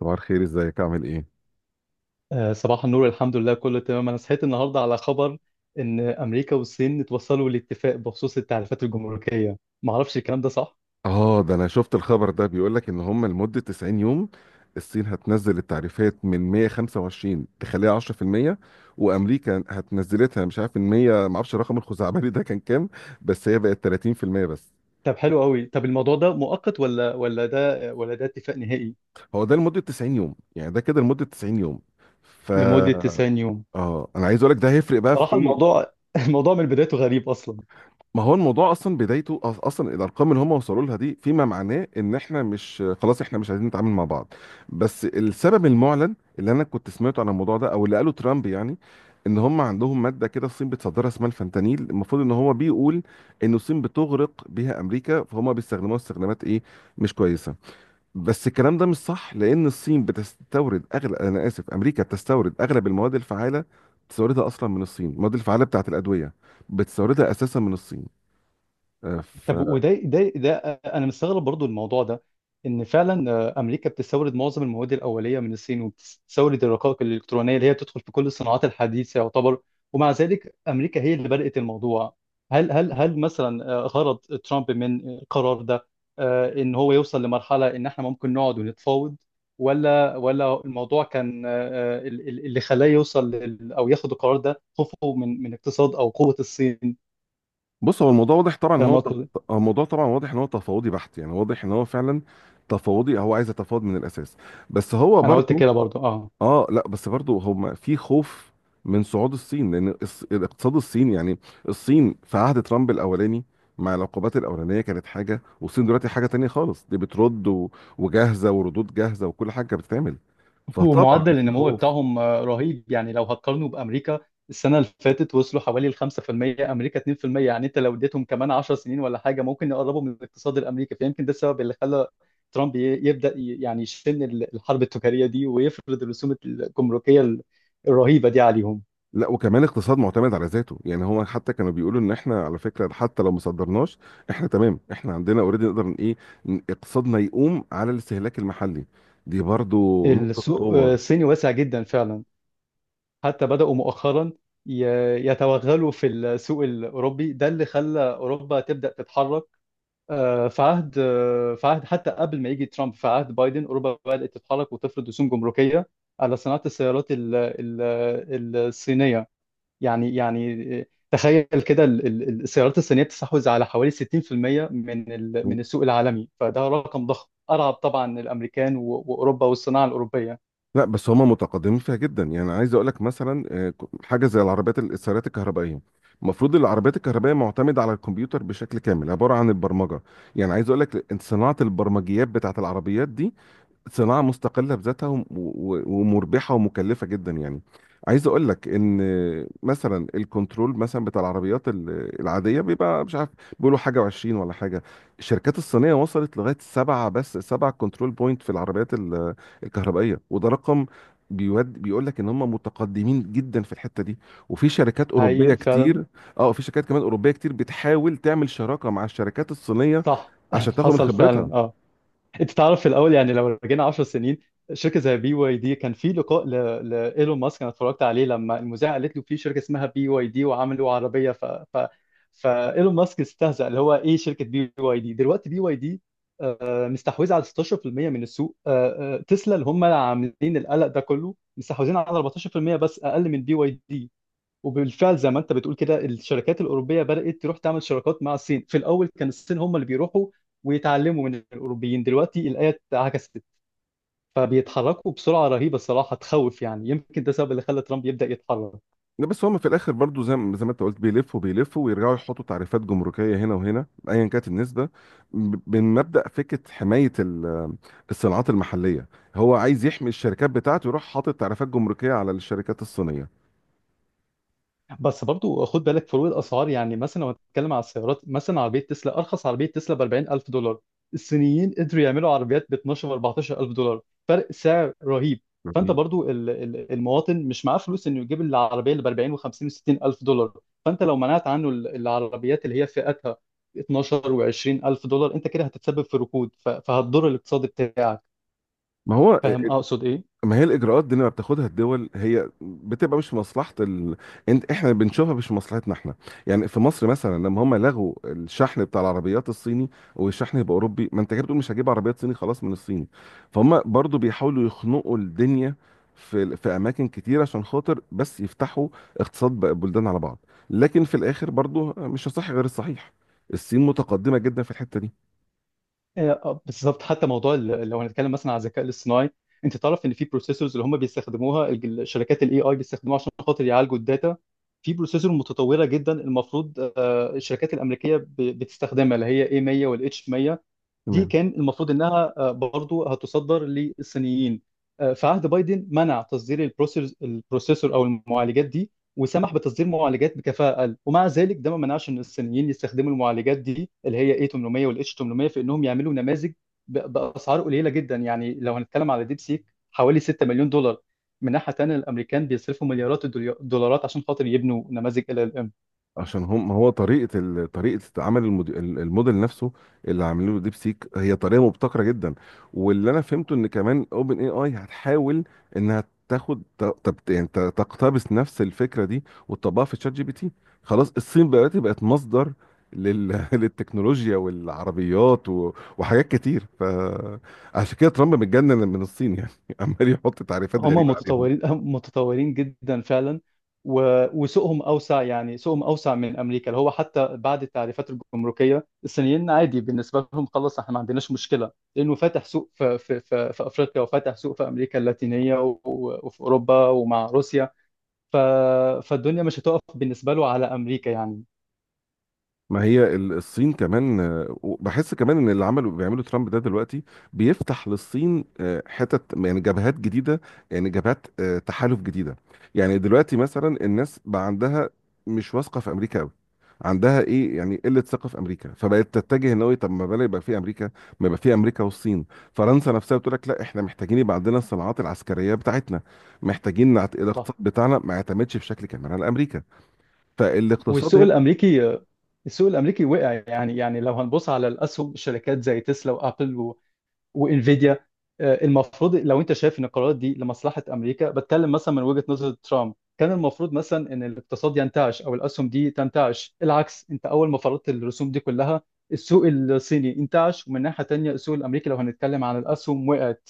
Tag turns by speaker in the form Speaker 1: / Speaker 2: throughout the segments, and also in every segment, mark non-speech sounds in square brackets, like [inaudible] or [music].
Speaker 1: صباح الخير، ازيك؟ عامل ايه؟
Speaker 2: آه، صباح النور. الحمد لله كله تمام. انا صحيت النهارده على خبر ان امريكا والصين اتوصلوا لاتفاق بخصوص التعريفات الجمركيه. ما اعرفش الكلام ده صح.
Speaker 1: اه، ده انا شفت الخبر ده، بيقول لك ان هم لمدة 90 يوم الصين هتنزل التعريفات من 125 تخليها 10%، وامريكا هتنزلتها مش عارف من 100، ما اعرفش الرقم الخزعبلي ده كان كام، بس هي بقت 30% بس.
Speaker 2: طب حلو قوي. طب الموضوع ده مؤقت ولا ده ولا ده اتفاق نهائي؟
Speaker 1: هو ده لمدة 90 يوم، يعني ده كده لمدة 90 يوم. ف
Speaker 2: لمده
Speaker 1: مم.
Speaker 2: 90 يوم.
Speaker 1: اه، انا عايز اقول لك ده هيفرق بقى في
Speaker 2: صراحه
Speaker 1: ايه.
Speaker 2: الموضوع [laughs] الموضوع من بدايته غريب اصلا.
Speaker 1: ما هو الموضوع اصلا بدايته اصلا الارقام اللي هم وصلوا لها دي، فيما معناه ان احنا مش خلاص، احنا مش عايزين نتعامل مع بعض. بس السبب المعلن اللي انا كنت سمعته عن الموضوع ده او اللي قاله ترامب يعني، ان هم عندهم ماده كده الصين بتصدرها اسمها الفentanyl، المفروض ان هو بيقول ان الصين بتغرق بيها امريكا، فهم بيستخدموها استخدامات ايه، مش كويسه. بس الكلام ده مش صح، لان الصين بتستورد اغلب، انا اسف، امريكا بتستورد اغلب المواد الفعاله، بتستوردها اصلا من الصين. المواد الفعاله بتاعت الادويه بتستوردها اساسا من الصين. ف-
Speaker 2: طب وده ده ده انا مستغرب برضو الموضوع ده، ان فعلا امريكا بتستورد معظم المواد الاوليه من الصين، وبتستورد الرقائق الالكترونيه اللي هي بتدخل في كل الصناعات الحديثه يعتبر. ومع ذلك امريكا هي اللي بدات الموضوع. هل مثلا غرض ترامب من القرار ده ان هو يوصل لمرحله ان احنا ممكن نقعد ونتفاوض؟ ولا الموضوع كان اللي خلاه يوصل او ياخد القرار ده خوفه من اقتصاد او قوه الصين؟
Speaker 1: بص، هو الموضوع واضح طبعا ان
Speaker 2: فاهم
Speaker 1: هو
Speaker 2: أقصد إيه؟
Speaker 1: هو الموضوع طبعا واضح ان هو تفاوضي بحت، يعني واضح ان هو فعلا تفاوضي، هو عايز يتفاوض من الاساس. بس هو
Speaker 2: انا قلت
Speaker 1: برضه،
Speaker 2: كده برضو، اه.
Speaker 1: اه لا، بس برضه هم في خوف من صعود الصين، لان الاقتصاد الصيني يعني، الصين في عهد ترامب الاولاني مع العقوبات الاولانيه كانت حاجه، والصين دلوقتي حاجه تانية خالص، دي بترد وجاهزه وردود جاهزه وكل حاجه بتتعمل، فطبعا
Speaker 2: ومعدل
Speaker 1: في
Speaker 2: النمو
Speaker 1: خوف.
Speaker 2: بتاعهم رهيب، يعني لو هتقارنه بأمريكا، السنة اللي فاتت وصلوا حوالي ال 5%، أمريكا 2%. يعني أنت لو اديتهم كمان 10 سنين ولا حاجة ممكن يقربوا من الاقتصاد الأمريكي، فيمكن ده السبب اللي خلى ترامب يبدأ يعني يشن الحرب التجارية دي ويفرض الرسوم الجمركية الرهيبة دي عليهم.
Speaker 1: لا، وكمان اقتصاد معتمد على ذاته، يعني هو حتى كانوا بيقولوا ان احنا على فكره حتى لو ما صدرناش، احنا تمام، احنا عندنا اوريدي، نقدر اقتصادنا يقوم على الاستهلاك المحلي، دي برضو نقطه
Speaker 2: السوق
Speaker 1: قوه.
Speaker 2: الصيني واسع جدا فعلا. حتى بدأوا مؤخرا يتوغلوا في السوق الأوروبي، ده اللي خلى أوروبا تبدأ تتحرك. في عهد حتى قبل ما يجي ترامب، في عهد بايدن اوروبا بدات تتحرك وتفرض رسوم جمركيه على صناعه السيارات الصينيه. يعني تخيل كده، السيارات الصينيه بتستحوذ على حوالي 60% من من السوق العالمي، فده رقم ضخم ارعب طبعا الامريكان واوروبا والصناعه الاوروبيه.
Speaker 1: لا، بس هما متقدمين فيها جدا، يعني عايز اقول لك مثلا، حاجه زي العربيات السيارات الكهربائيه. المفروض العربيات الكهربائيه معتمده على الكمبيوتر بشكل كامل، عباره عن البرمجه، يعني عايز اقول لك صناعه البرمجيات بتاعت العربيات دي صناعة مستقلة بذاتها ومربحة ومكلفة جدا، يعني عايز اقول لك ان مثلا الكنترول مثلا بتاع العربيات العادية بيبقى مش عارف، بيقولوا حاجة وعشرين ولا حاجة، الشركات الصينية وصلت لغاية سبعة، بس سبعة كنترول بوينت في العربيات الكهربائية، وده رقم بيود بيقول لك ان هم متقدمين جدا في الحتة دي، وفي شركات اوروبية
Speaker 2: هي فعلا.
Speaker 1: كتير. اه، في شركات كمان اوروبية كتير بتحاول تعمل شراكة مع الشركات الصينية
Speaker 2: صح.
Speaker 1: عشان
Speaker 2: [laughs]
Speaker 1: تاخد من
Speaker 2: حصل
Speaker 1: خبرتها.
Speaker 2: فعلا، اه. انت تعرف، في الاول يعني لو رجعنا 10 سنين، شركه زي بي واي دي كان في لقاء لايلون ماسك. انا اتفرجت عليه، لما المذيعه قالت له في شركه اسمها بي واي دي وعملوا عربيه، فايلون ماسك استهزأ اللي هو ايه شركه بي واي دي. دلوقتي بي واي دي مستحوذه على 16% من السوق، تسلا اللي هم اللي عاملين القلق ده كله مستحوذين على 14% بس، اقل من بي واي دي. وبالفعل زي ما انت بتقول كده، الشركات الاوروبيه بدات تروح تعمل شراكات مع الصين. في الاول كان الصين هم اللي بيروحوا ويتعلموا من الاوروبيين، دلوقتي الايه اتعكست. فبيتحركوا بسرعه رهيبه، الصراحه تخوف يعني، يمكن ده السبب اللي خلى ترامب يبدا يتحرك.
Speaker 1: لا، بس هم في الاخر برضو زي ما انت قلت، بيلفوا بيلفوا ويرجعوا يحطوا تعريفات جمركيه هنا وهنا ايا كانت النسبه، من مبدا فكره حمايه الصناعات المحليه، هو عايز يحمي الشركات بتاعته، يروح حاطط تعريفات جمركيه على الشركات الصينيه.
Speaker 2: بس برضو خد بالك فروق الاسعار، يعني مثلا لو هتتكلم على السيارات، مثلا عربيه تسلا، ارخص عربيه تسلا ب 40000 دولار، الصينيين قدروا يعملوا عربيات ب 12 و 14000 دولار. فرق سعر رهيب. فانت
Speaker 1: رهيب.
Speaker 2: برضو المواطن مش معاه فلوس انه يجيب العربيه اللي ب 40 و 50 و 60000 دولار. فانت لو منعت عنه العربيات اللي هي فئتها 12 و 20000 دولار، انت كده هتتسبب في ركود، فهتضر الاقتصاد بتاعك.
Speaker 1: ما هو
Speaker 2: فاهم اقصد إيه؟
Speaker 1: ما هي الاجراءات دي اللي بتاخدها الدول هي بتبقى مش في مصلحه انت، احنا بنشوفها مش في مصلحتنا احنا. يعني في مصر مثلا لما هم لغوا الشحن بتاع العربيات الصيني والشحن يبقى اوروبي، ما انت كده بتقول مش هجيب عربيات صيني خلاص من الصين، فهم برضو بيحاولوا يخنقوا الدنيا في اماكن كتير عشان خاطر بس يفتحوا اقتصاد بقى البلدان على بعض. لكن في الاخر برضو مش هصح غير الصحيح، الصين متقدمه جدا في الحته دي.
Speaker 2: بالظبط. حتى موضوع لو هنتكلم مثلا على الذكاء الاصطناعي، انت تعرف ان في بروسيسورز اللي هم بيستخدموها، شركات الاي اي بيستخدموها عشان خاطر يعالجوا الداتا. في بروسيسور متطوره جدا المفروض الشركات الامريكيه بتستخدمها، اللي هي A100 والاتش 100. دي
Speaker 1: تمام،
Speaker 2: كان المفروض انها برضو هتصدر للصينيين. في عهد بايدن منع تصدير البروسيسور او المعالجات دي، وسمح بتصدير معالجات بكفاءة اقل. ومع ذلك ده ما منعش ان الصينيين يستخدموا المعالجات دي اللي هي A800 وال H800 في انهم يعملوا نماذج باسعار قليلة جدا. يعني لو هنتكلم على ديب سيك، حوالي 6 مليون دولار. من ناحية تانية الامريكان بيصرفوا مليارات الدولارات عشان خاطر يبنوا نماذج LLM.
Speaker 1: عشان هم، ما هو طريقه طريقه عمل الموديل نفسه اللي عاملينه ديب سيك هي طريقه مبتكره جدا. واللي انا فهمته ان كمان اوبن اي اي هتحاول انها تاخد تقتبس نفس الفكره دي وتطبقها في شات جي بي تي. خلاص، الصين بقت مصدر [laughs] للتكنولوجيا والعربيات و... وحاجات كتير، فعشان كده ترامب متجنن من الصين، يعني [laughs] عمال يحط تعريفات
Speaker 2: هم
Speaker 1: غريبه عليهم.
Speaker 2: متطورين [laughs] متطورين جدا فعلا. وسوقهم اوسع، يعني سوقهم اوسع من امريكا، اللي هو حتى بعد التعريفات الجمركيه الصينيين عادي بالنسبه لهم، خلاص احنا ما عندناش مشكله، لانه فاتح سوق في افريقيا، وفاتح سوق في امريكا اللاتينيه، وفي اوروبا ومع روسيا. ف فالدنيا مش هتقف بالنسبه له على امريكا يعني.
Speaker 1: ما هي الصين كمان، بحس كمان ان اللي عملوا بيعملوا ترامب ده دلوقتي، بيفتح للصين حتت، يعني جبهات جديده، يعني جبهات تحالف جديده. يعني دلوقتي مثلا الناس بقى عندها مش واثقه في امريكا قوي، عندها ايه يعني قله ثقه في امريكا، فبقت تتجه ان هو طب ما بلا يبقى في امريكا، ما يبقى في امريكا والصين. فرنسا نفسها بتقول لك لا، احنا محتاجين يبقى عندنا الصناعات العسكريه بتاعتنا، محتاجين
Speaker 2: صح.
Speaker 1: الاقتصاد بتاعنا ما يعتمدش بشكل كامل على امريكا، فالاقتصاد
Speaker 2: والسوق
Speaker 1: هنا.
Speaker 2: الامريكي السوق الامريكي وقع. يعني لو هنبص على الاسهم شركات زي تسلا وابل وانفيديا، المفروض لو انت شايف ان القرارات دي لمصلحه امريكا، بتكلم مثلا من وجهه نظر ترامب، كان المفروض مثلا ان الاقتصاد ينتعش او الاسهم دي تنتعش. العكس، انت اول ما فرضت الرسوم دي كلها السوق الصيني انتعش، ومن ناحيه تانيه السوق الامريكي لو هنتكلم عن الاسهم وقعت.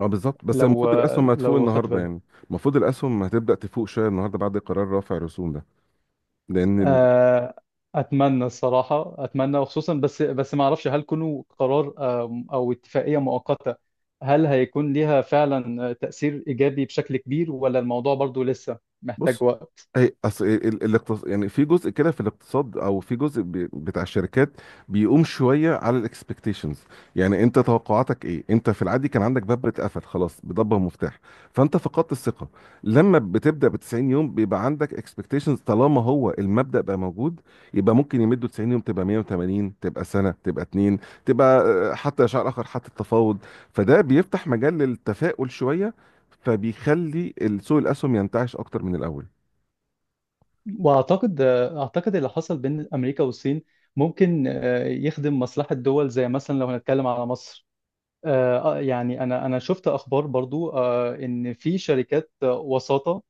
Speaker 1: اه بالظبط، بس المفروض الاسهم هتفوق
Speaker 2: لو خدت
Speaker 1: النهارده
Speaker 2: بالك.
Speaker 1: يعني، المفروض الاسهم هتبدا تفوق شويه النهارده بعد قرار رفع الرسوم ده، لان
Speaker 2: آه، اتمنى الصراحه، اتمنى، وخصوصا بس ما اعرفش هل كونه قرار او اتفاقيه مؤقته هل هيكون ليها فعلا تاثير ايجابي بشكل كبير ولا الموضوع برضو لسه
Speaker 1: بص،
Speaker 2: محتاج وقت؟
Speaker 1: اي اصل يعني في جزء كده في الاقتصاد، او في جزء بتاع الشركات، بيقوم شويه على الاكسبكتيشنز، يعني انت توقعاتك ايه؟ انت في العادي كان عندك باب بيتقفل خلاص بضبه ومفتاح، فانت فقدت الثقه. لما بتبدا ب 90 يوم، بيبقى عندك اكسبكتيشنز، طالما هو المبدا بقى موجود، يبقى ممكن يمدوا 90 يوم، تبقى 180، تبقى سنه، تبقى اتنين، تبقى حتى شهر اخر، حتى التفاوض. فده بيفتح مجال للتفاؤل شويه، فبيخلي سوق الاسهم ينتعش اكتر من الاول.
Speaker 2: واعتقد آه، اعتقد اللي حصل بين امريكا والصين ممكن يخدم مصلحه دول، زي مثلا لو هنتكلم على مصر. يعني انا شفت اخبار برضو ان في شركات وساطه،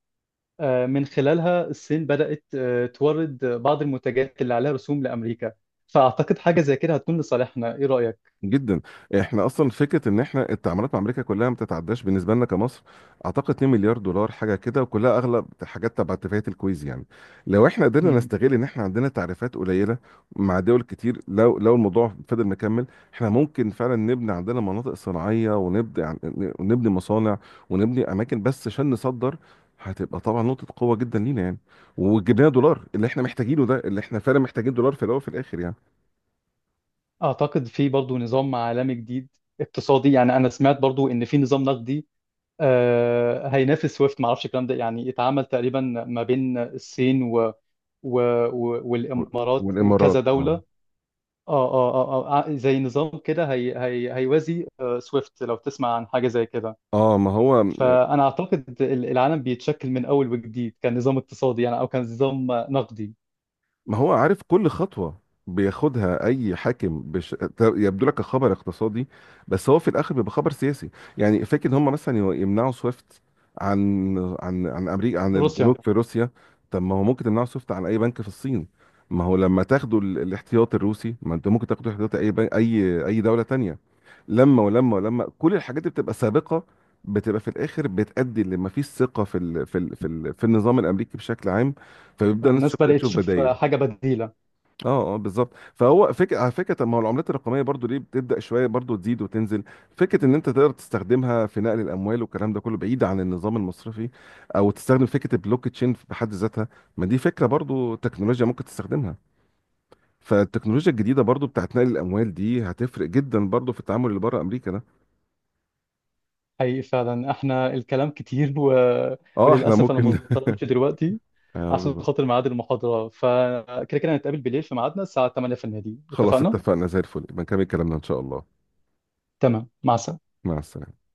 Speaker 2: من خلالها الصين بدأت تورد بعض المنتجات اللي عليها رسوم لأمريكا. فأعتقد حاجة زي كده هتكون لصالحنا. إيه رأيك؟
Speaker 1: جدا، احنا اصلا فكره ان احنا التعاملات مع امريكا كلها ما بتتعداش بالنسبه لنا كمصر، اعتقد 2 مليار دولار حاجه كده، وكلها اغلب حاجات تبع اتفاقيه الكويز يعني. لو احنا قدرنا
Speaker 2: مم.
Speaker 1: نستغل ان احنا عندنا تعريفات قليله مع دول كتير، لو الموضوع فضل مكمل، احنا ممكن فعلا نبني عندنا مناطق صناعيه، ونبدا ونبني مصانع، ونبني اماكن بس عشان نصدر، هتبقى طبعا نقطة قوة جدا لينا يعني، وجبناها دولار اللي احنا محتاجينه ده، اللي احنا فعلا محتاجين دولار في الأول وفي الآخر يعني.
Speaker 2: أعتقد في برضو نظام عالمي جديد اقتصادي يعني. أنا سمعت برضو إن في نظام نقدي هينافس سويفت، معرفش الكلام ده، يعني اتعمل تقريبا ما بين الصين و... والإمارات وكذا
Speaker 1: والإمارات،
Speaker 2: دولة.
Speaker 1: اه
Speaker 2: اه، اه، اه، زي نظام كده هيوازي سويفت، لو تسمع عن حاجة زي كده.
Speaker 1: اه. ما هو،
Speaker 2: فانا اعتقد العالم بيتشكل من اول وجديد، كان نظام اقتصادي يعني او كان نظام نقدي.
Speaker 1: عارف كل خطوة بياخدها اي حاكم، يبدو لك خبر اقتصادي، بس هو في الاخر بيبقى خبر سياسي. يعني فاكر ان هم مثلا يمنعوا سويفت عن امريكا، عن
Speaker 2: روسيا.
Speaker 1: البنوك في روسيا، طب ما هو ممكن تمنعوا سويفت عن اي بنك في الصين؟ ما هو لما تاخدوا الاحتياط الروسي، ما انت ممكن تاخدوا احتياط اي بنك اي دولة تانية. لما ولما ولما كل الحاجات اللي بتبقى سابقه، بتبقى في الاخر بتؤدي لما فيش ثقه في ال في ال في, ال في النظام الامريكي بشكل عام، فبيبدا الناس
Speaker 2: الناس
Speaker 1: تبدا
Speaker 2: بدات
Speaker 1: تشوف
Speaker 2: تشوف
Speaker 1: بدايل.
Speaker 2: حاجه بديله.
Speaker 1: اه اه بالظبط. فهو فكره، على فكره، طب ما هو العملات الرقميه برضو ليه بتبدا شويه برضو تزيد وتنزل؟ فكره ان انت تقدر تستخدمها في نقل الاموال والكلام ده كله بعيد عن النظام المصرفي، او تستخدم فكره البلوك تشين بحد ذاتها، ما دي فكره برضو تكنولوجيا ممكن تستخدمها. فالتكنولوجيا الجديده برضو بتاعت نقل الاموال دي هتفرق جدا برضو في التعامل اللي بره امريكا ده.
Speaker 2: حقيقي فعلا احنا الكلام كتير،
Speaker 1: اه، احنا
Speaker 2: وللاسف انا
Speaker 1: ممكن. [laughs]
Speaker 2: مضطر امشي دلوقتي عشان
Speaker 1: بالظبط.
Speaker 2: خاطر ميعاد المحاضره. فكده كده هنتقابل بالليل في ميعادنا الساعه 8 في النادي،
Speaker 1: خلاص
Speaker 2: اتفقنا؟
Speaker 1: اتفقنا، زي الفل، يبقى نكمل كلامنا ان شاء الله.
Speaker 2: تمام، مع السلامه.
Speaker 1: مع السلامة.